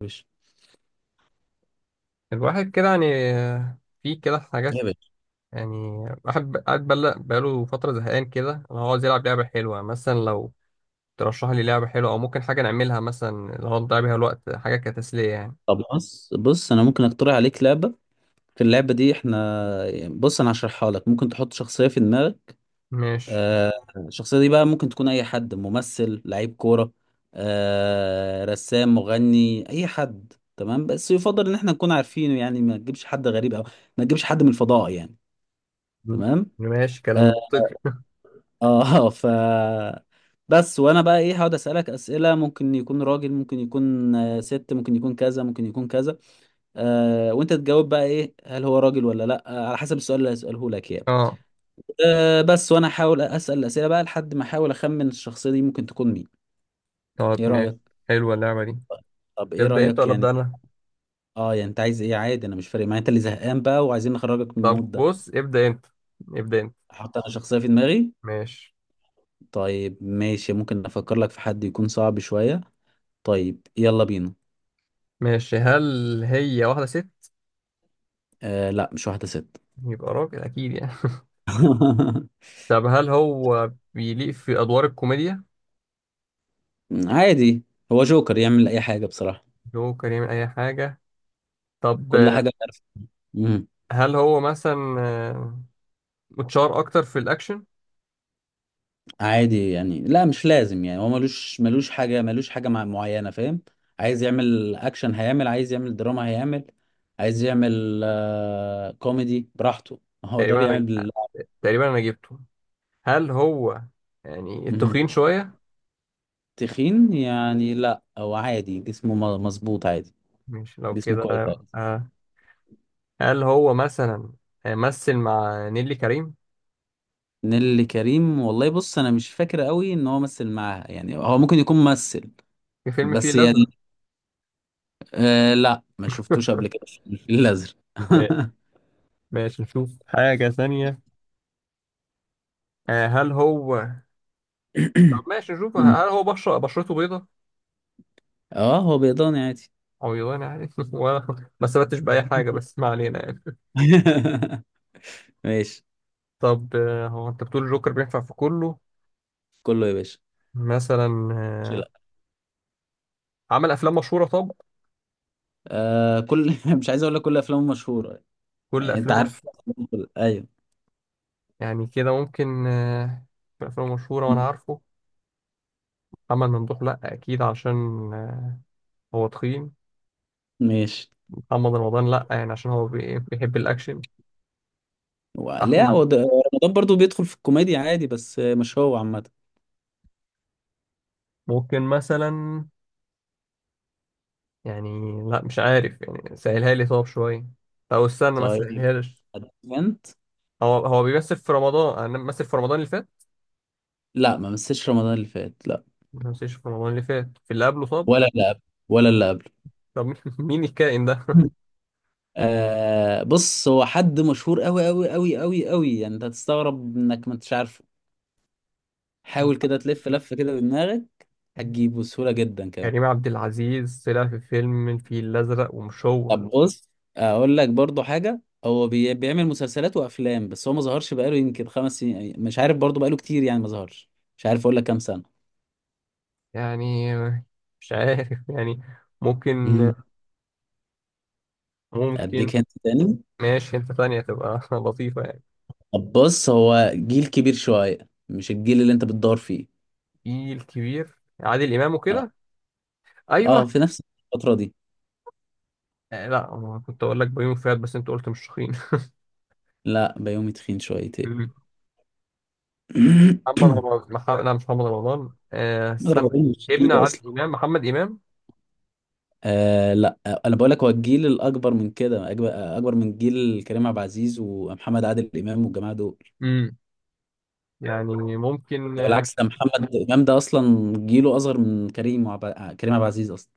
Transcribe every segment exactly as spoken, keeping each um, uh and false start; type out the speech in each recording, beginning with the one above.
باشا. الواحد كده يعني، في كده حاجات يا باشا، يعني. واحد قاعد بقاله بقاله فترة زهقان كده، أنا عاوز يلعب لعبة حلوة مثلا. لو ترشح لي لعبة حلوة أو ممكن حاجة نعملها مثلا اللي هو نضيع بيها الوقت، حاجة كتسلية يعني. طب بص بص انا ممكن اقترح عليك لعبه. في اللعبه دي احنا، بص انا هشرحها لك. ممكن تحط شخصيه في دماغك. ماشي. آه، الشخصيه دي بقى ممكن تكون اي حد، ممثل، لعيب كوره، آه، رسام، مغني، اي حد، تمام؟ بس يفضل ان احنا نكون عارفينه، يعني ما تجيبش حد غريب، او ما تجيبش حد من الفضاء يعني. م- تمام. ماشي كلام اه. منطقي. آه، ف بس وانا بقى ايه، هقعد اسالك اسئله. ممكن يكون راجل، ممكن يكون آه، ست، ممكن يكون كذا ممكن يكون كذا. آه، وانت تجاوب بقى. ايه، هل هو راجل ولا لا؟ آه، على حسب السؤال اللي هسأله لك يعني. اه آه، بس وانا احاول اسأل الاسئله بقى لحد ما احاول اخمن الشخصيه دي ممكن تكون مين. طب ايه ماشي، رأيك؟ حلوة اللعبة دي. طب ايه ابدأ أنت رأيك ولا يعني؟ أبدأ أنا؟ اه، يعني انت عايز ايه؟ عادي، انا مش فارق معايا. انت اللي زهقان بقى وعايزين نخرجك من طب المود ده. بص، ابدأ أنت، ابدأ أنت. احط انا شخصيه في دماغي. ماشي. طيب ماشي، ممكن افكر لك في حد يكون صعب شويه. طيب يلا بينا. ماشي، هل هي واحدة ست؟ آه لا، مش واحده ست. يبقى راجل أكيد يعني. طب هل هو بيليق في أدوار الكوميديا؟ عادي. هو جوكر، يعمل اي حاجه بصراحه. اللي هو كان يعمل أي حاجة. طب، كل آه، حاجه. عارف. هل هو مثلا آه، متشار اكتر في الاكشن؟ عادي يعني، لا مش لازم يعني. هو ملوش ملوش حاجة، ملوش حاجة مع- معينة، فاهم؟ عايز يعمل أكشن هيعمل، عايز يعمل دراما هيعمل، عايز يعمل آه كوميدي براحته. هو ده تقريبا انا، بيعمل بال... تقريبا انا جبته. هل هو يعني مهم. التخين شويه؟ تخين يعني لا، هو عادي، جسمه م- مظبوط عادي. مش لو جسمه كده. كويس عادي. آه، هل هو مثلا آه، مثل مع نيلي كريم نيللي كريم، والله بص أنا مش فاكر قوي إن هو مثل معاها، يعني هو ممكن يكون ممثل في فيلم فيه بس يعني. الازرق؟ آه لا، ما شفتوش قبل كده في الفيل الأزرق. آه، ماشي نشوف حاجه ثانيه. آه، هل هو، طب ماشي نشوف، هل هو بشرة بشرته بيضة؟ اه، هو بيضاني عادي. عويضانة يعني ولا ما استفدتش بأي حاجة، بس ما علينا يعني. ماشي. طب آه، هو أنت بتقول الجوكر بينفع في كله؟ كله يا باشا. مثلا ماشي، آه، لا. عمل افلام مشهوره؟ طب، آه، كل، مش عايز اقول لك كل افلامه مشهوره. كل يعني انت افلامه؟ عارف. ايوه. يعني كده ممكن. آه، في افلام مشهوره وانا عارفه. محمد ممدوح لا، اكيد عشان آه، هو تخين. ماشي. محمد رمضان لا، يعني عشان هو بي- بيحب الاكشن. و- لا احمد، هو ده- رمضان برضو بيدخل في الكوميديا عادي، بس مش هو عامه. ممكن مثلا، يعني لا مش عارف، يعني سهلها لي طب شويه، او استنى ما طيب، سهلهالش. ادفنت. هو، هو بيمثل في رمضان؟ انا بمثل في رمضان اللي فات؟ لا، ما مسيتش رمضان اللي فات، لا. ما بمثلش في رمضان اللي فات؟ في اللي قبله طب؟ ولا اللي قبل. ولا اللي قبل. طب مين مين الكائن ده؟ آه بص، هو حد مشهور قوي قوي قوي قوي قوي، يعني انت هتستغرب انك ما انتش عارفه. حاول كده تلف لف كده بدماغك، هتجيبه بسهوله جدا كمان. كريم عبد العزيز طلع في فيلم الفيل الأزرق، ومش هو؟ طب بص، اقول لك برضو حاجه. هو بي... بيعمل مسلسلات وافلام، بس هو ما ظهرش بقاله يمكن خمس سنين، مش عارف برضو، بقاله كتير يعني ما ظهرش. مش عارف اقول لك كام سنه. يعني مش عارف يعني. ممكن، مم. ممكن. اديك هنت تاني. ماشي، انت ثانية تبقى لطيفة يعني. طب بص، هو جيل كبير شويه، مش الجيل اللي انت بتدور فيه. في الكبير، عادل إمام اه. وكده؟ أيوه. اه، في نفس الفتره دي. آه، لا، هو كنت أقول لك بيومي فؤاد بس أنت قلت مش شخين لا، بيومي تخين شويتين. محمد رمضان، مح... لا، مش محمد رمضان، آه ما استنى. ضربوهوش، مش ابن جيل اصلا. عادل إمام، محمد إمام. آه لا، آه، انا بقول لك هو الجيل الاكبر من كده، اكبر. أكبر من جيل كريم عبد العزيز ومحمد عادل امام والجماعه دول. امم، يعني ممكن ده اه. بالعكس، ده محمد امام ده اصلا جيله اصغر من كريم وعب... كريم عبد العزيز اصلا.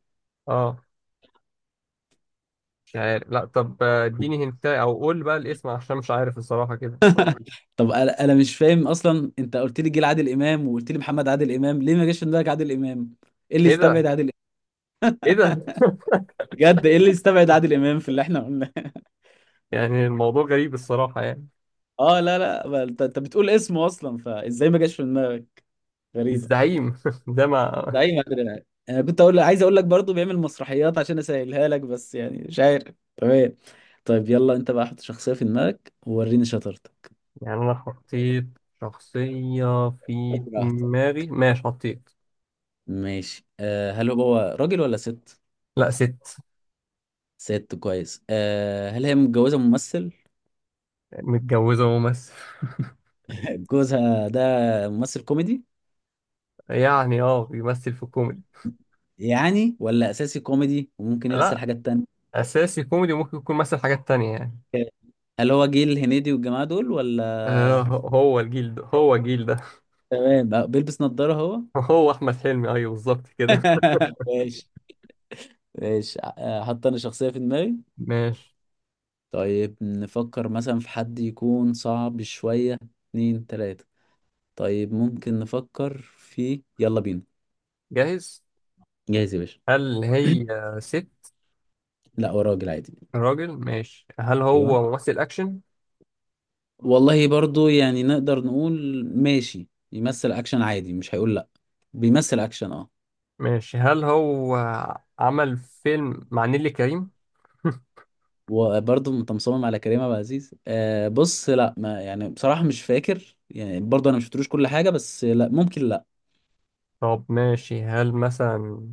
آه، مش عارف، لا. طب آه، اديني هنتا أو قول بقى الاسم، عشان مش عارف الصراحة كده. طب انا، أنا مش فاهم اصلا. انت قلت لي جيل عادل امام وقلت لي محمد عادل امام. ليه ما جاش في دماغك عادل امام؟ ايه اللي إيه ده؟ يستبعد عادل امام؟ إيه ده؟ بجد ايه اللي يستبعد عادل امام في اللي احنا قلناه؟ يعني الموضوع غريب الصراحة يعني. اه لا لا، ما انت انت بتقول اسمه اصلا، فازاي ما جاش في دماغك؟ غريبه. الزعيم ده ده ما. اي مدري. انا كنت اقول، عايز اقول لك برضو بيعمل مسرحيات عشان اسهلها لك، بس يعني مش عارف. تمام، طيب يلا انت بقى حط شخصيه في دماغك ووريني شطارتك. يعني انا حطيت شخصية في براحتك. دماغي. ماشي، حطيت. ماشي. أه، هل هو راجل ولا ست؟ لا، ست. ست، كويس. أه، هل هي متجوزة ممثل؟ متجوزة وممثل. جوزها ده ممثل كوميدي؟ يعني اه، بيمثل في الكوميدي. يعني، ولا أساسي كوميدي وممكن يمثل لا، حاجات تانية؟ اساسي كوميدي، ممكن يكون مثل حاجات تانية يعني. هل هو جيل الهنيدي والجماعة دول آه، ولا؟ هو الجيل ده، هو الجيل ده. تمام. أه، بيلبس نظارة هو؟ هو احمد حلمي، ايوه بالظبط كده. ماشي. ماشي. أه، حط أنا شخصية في دماغي. ماشي. طيب نفكر مثلا في حد يكون صعب شوية. اتنين، تلاتة. طيب، ممكن نفكر في، يلا بينا. جاهز. جاهز يا باشا. هل هي ست؟ لا، هو راجل عادي. راجل، ماشي. هل ايوه. هو ممثل اكشن؟ والله برضو يعني نقدر نقول ماشي، يمثل اكشن عادي، مش هيقول لا. بيمثل اكشن، اه. ماشي. هل هو عمل فيلم مع نيللي كريم؟ وبرضه انت مصمم على كريم ابو عزيز؟ آه بص لا، ما يعني بصراحة مش فاكر يعني، برضه انا مش شفتلوش كل حاجة، بس لا ممكن لا. طب ماشي، هل مثلا؟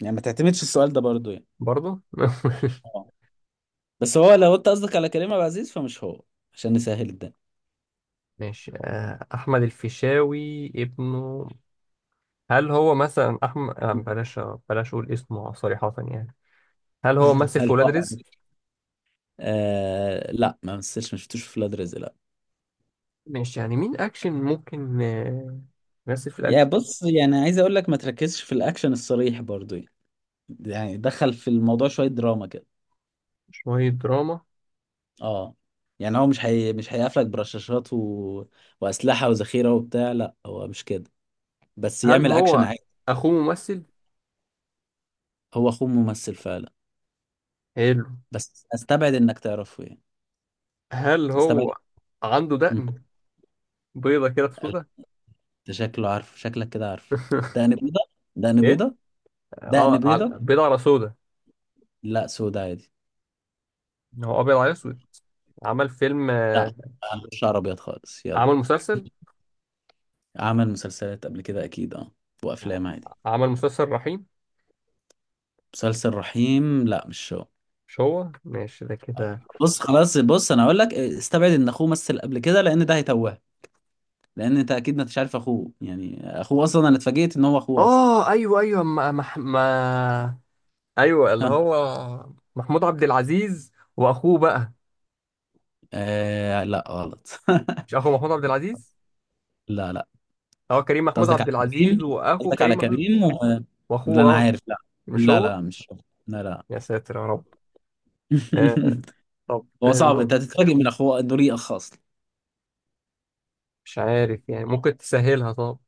يعني ما تعتمدش السؤال ده برضه يعني. برضه اه، بس هو لو انت قصدك على كريم ابو عزيز فمش هو. عشان نسهل الدنيا. ماشي، آه، أحمد الفيشاوي ابنه؟ هل هو مثلا أحمد، آه، بلاش، بلاش أقول اسمه صريحة يعني. هل هو مثل في هل هو ولاد رزق؟ عمل؟ آه لا، ما مثلش. ما شفتوش في ولاد رزق، لا. ماشي، يعني مين أكشن ممكن آه، يمثل في يا الأكشن. بص، يعني عايز اقول لك ما تركزش في الاكشن الصريح برضه. يعني دخل في الموضوع شوية دراما كده. شوية دراما. اه. يعني هو مش حي... مش هيقفلك برشاشات و، وأسلحة وذخيرة وبتاع، لا هو مش كده. بس هل يعمل أكشن هو عادي. أخوه ممثل؟ هو أخوه ممثل فعلا، حلو. بس أستبعد إنك تعرفه يعني. هل أستبعد. هو عنده مم. دقن بيضة كده في سودا؟ ده شكله عارف، شكلك كده عارف. دقن بيضة. دقن إيه؟ بيضة. دقن آه على- بيضة. بيضة على سودا. لا، سودا عادي. هو أبيض على أسود؟ عمل فيلم لا، آه، ما عندوش شعر أبيض خالص، يلا. عمل مسلسل. عمل مسلسلات قبل كده أكيد، اه. وأفلام عادي. عمل مسلسل رحيم؟ مسلسل رحيم، لا مش هو. مش هو، ماشي ده كده. بص خلاص، بص انا اقول لك استبعد ان اخوه مثل قبل كده لان ده هيتوهك. لان انت اكيد ما انتش عارف اخوه، يعني اخوه اصلا انا اتفاجئت ان هو اخوه اصلا. اه ايوه ايوه، ما, ما, ما. ايوه اللي ها. هو محمود عبد العزيز، واخوه بقى. آه لا، غلط. مش اخو محمود عبد العزيز؟ لا لا. هو كريم انت محمود قصدك عبد على كريم، العزيز، واخو قصدك كريم على محمود، كريم و، لا واخوه انا اه. عارف، لا. مش لا لا، هو؟ لا مش هو. لا لا. يا ساتر يا رب. آه، طب هو صعب، ممكن. انت هتتفاجئ من اخوه انه ريق اصلا. مش عارف يعني، ممكن تسهلها طب.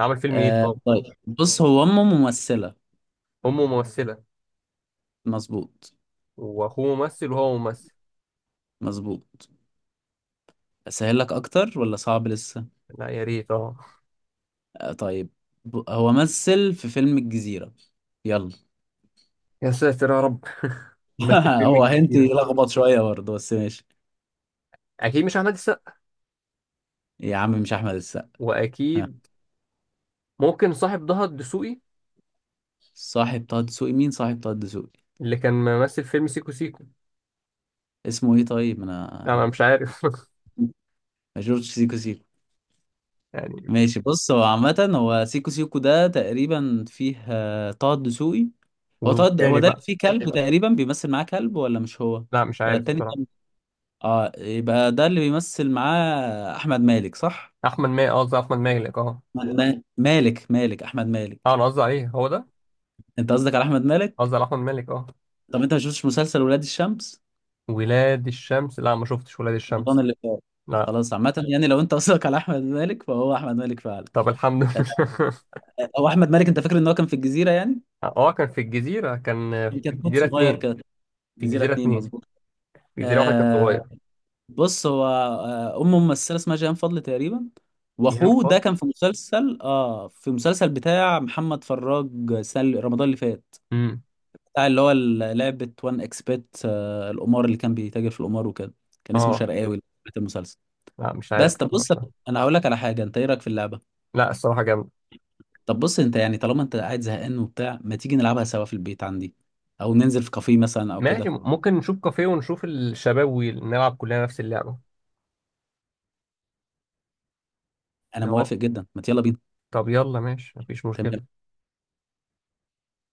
عمل فيلم ايه آه طب؟ طيب بص، هو امه ممثلة. امه ممثلة. مظبوط. واخوه ممثل، وهو ممثل. مظبوط. اسهل لك اكتر ولا صعب لسه؟ لا يا ريت، اه. آه، طيب. ب- هو مثل في فيلم الجزيرة. يلا. يا ساتر يا رب، مثل هو فيلم هنت كتيرة. لخبط شوية برضه بس ماشي. اكيد مش احمد السقا. يا عم مش أحمد السقا. واكيد، ممكن صاحب ضهى الدسوقي؟ صاحب طه دسوقي، مين صاحب طه دسوقي؟ اللي كان ممثل فيلم سيكو سيكو. اسمه إيه طيب؟ انا أنا مش عارف ما شفتش سيكو سيكو. يعني. ماشي بص، هو عامة هو سيكو سيكو ده تقريبا فيه آه، طه دسوقي. هو طه د- هو والتاني ده اللي بقى؟ فيه كلب تقريبا بيمثل معاه كلب ولا مش هو؟ لا مش ولا عارف التاني كان. بصراحه. اه، يبقى ده اللي بيمثل معاه أحمد مالك صح؟ احمد مالك، قصدي احمد مالك، اه. أحمد ما- مالك مالك أحمد اه، مالك. انا قصدي عليه، هو ده. انت قصدك على احمد مالك. قصدي على احمد مالك، اه. طب انت ما شفتش مسلسل ولاد الشمس؟ ولاد الشمس؟ لا، ما شفتش ولاد رمضان الشمس، اللي فات. لا. خلاص عامة، يعني لو انت قصدك على احمد مالك فهو احمد مالك فعلا. طب الحمد لله. آه، هو احمد مالك، انت فاكر ان هو كان في الجزيرة يعني. اه، كان في الجزيره، كان كان في كتكوت الجزيره صغير اتنين، كده. في جزيرة الجزيره اتنين اتنين، مظبوط. في الجزيره واحد كان آه صغير. بص، هو آه امه ممثلة اسمها جيهان فضل تقريبا. شيهان واخوه ده فاضل. كان في مسلسل، اه، في مسلسل بتاع محمد فراج السنة رمضان اللي فات. امم. بتاع اللي هو ال- لعبة وان اكسبت، آه القمار، اللي كان بيتاجر في القمار وكده. كان اسمه اه شرقاوي، بتاع المسلسل. لا، مش بس عارف طب الحوار بص، ده. انا هقول لك على حاجه. انت ايه رايك في اللعبه؟ لا الصراحه جامد. طب بص، انت يعني طالما انت قاعد زهقان وبتاع، ما تيجي نلعبها سوا في البيت عندي؟ او ننزل في كافيه مثلا او ماشي، كده. ممكن نشوف كافيه ونشوف الشباب ونلعب كلنا نفس اللعبه. انا هو، موافق جدا، ما يلا بينا. طب يلا ماشي، مفيش مشكلة. تمام.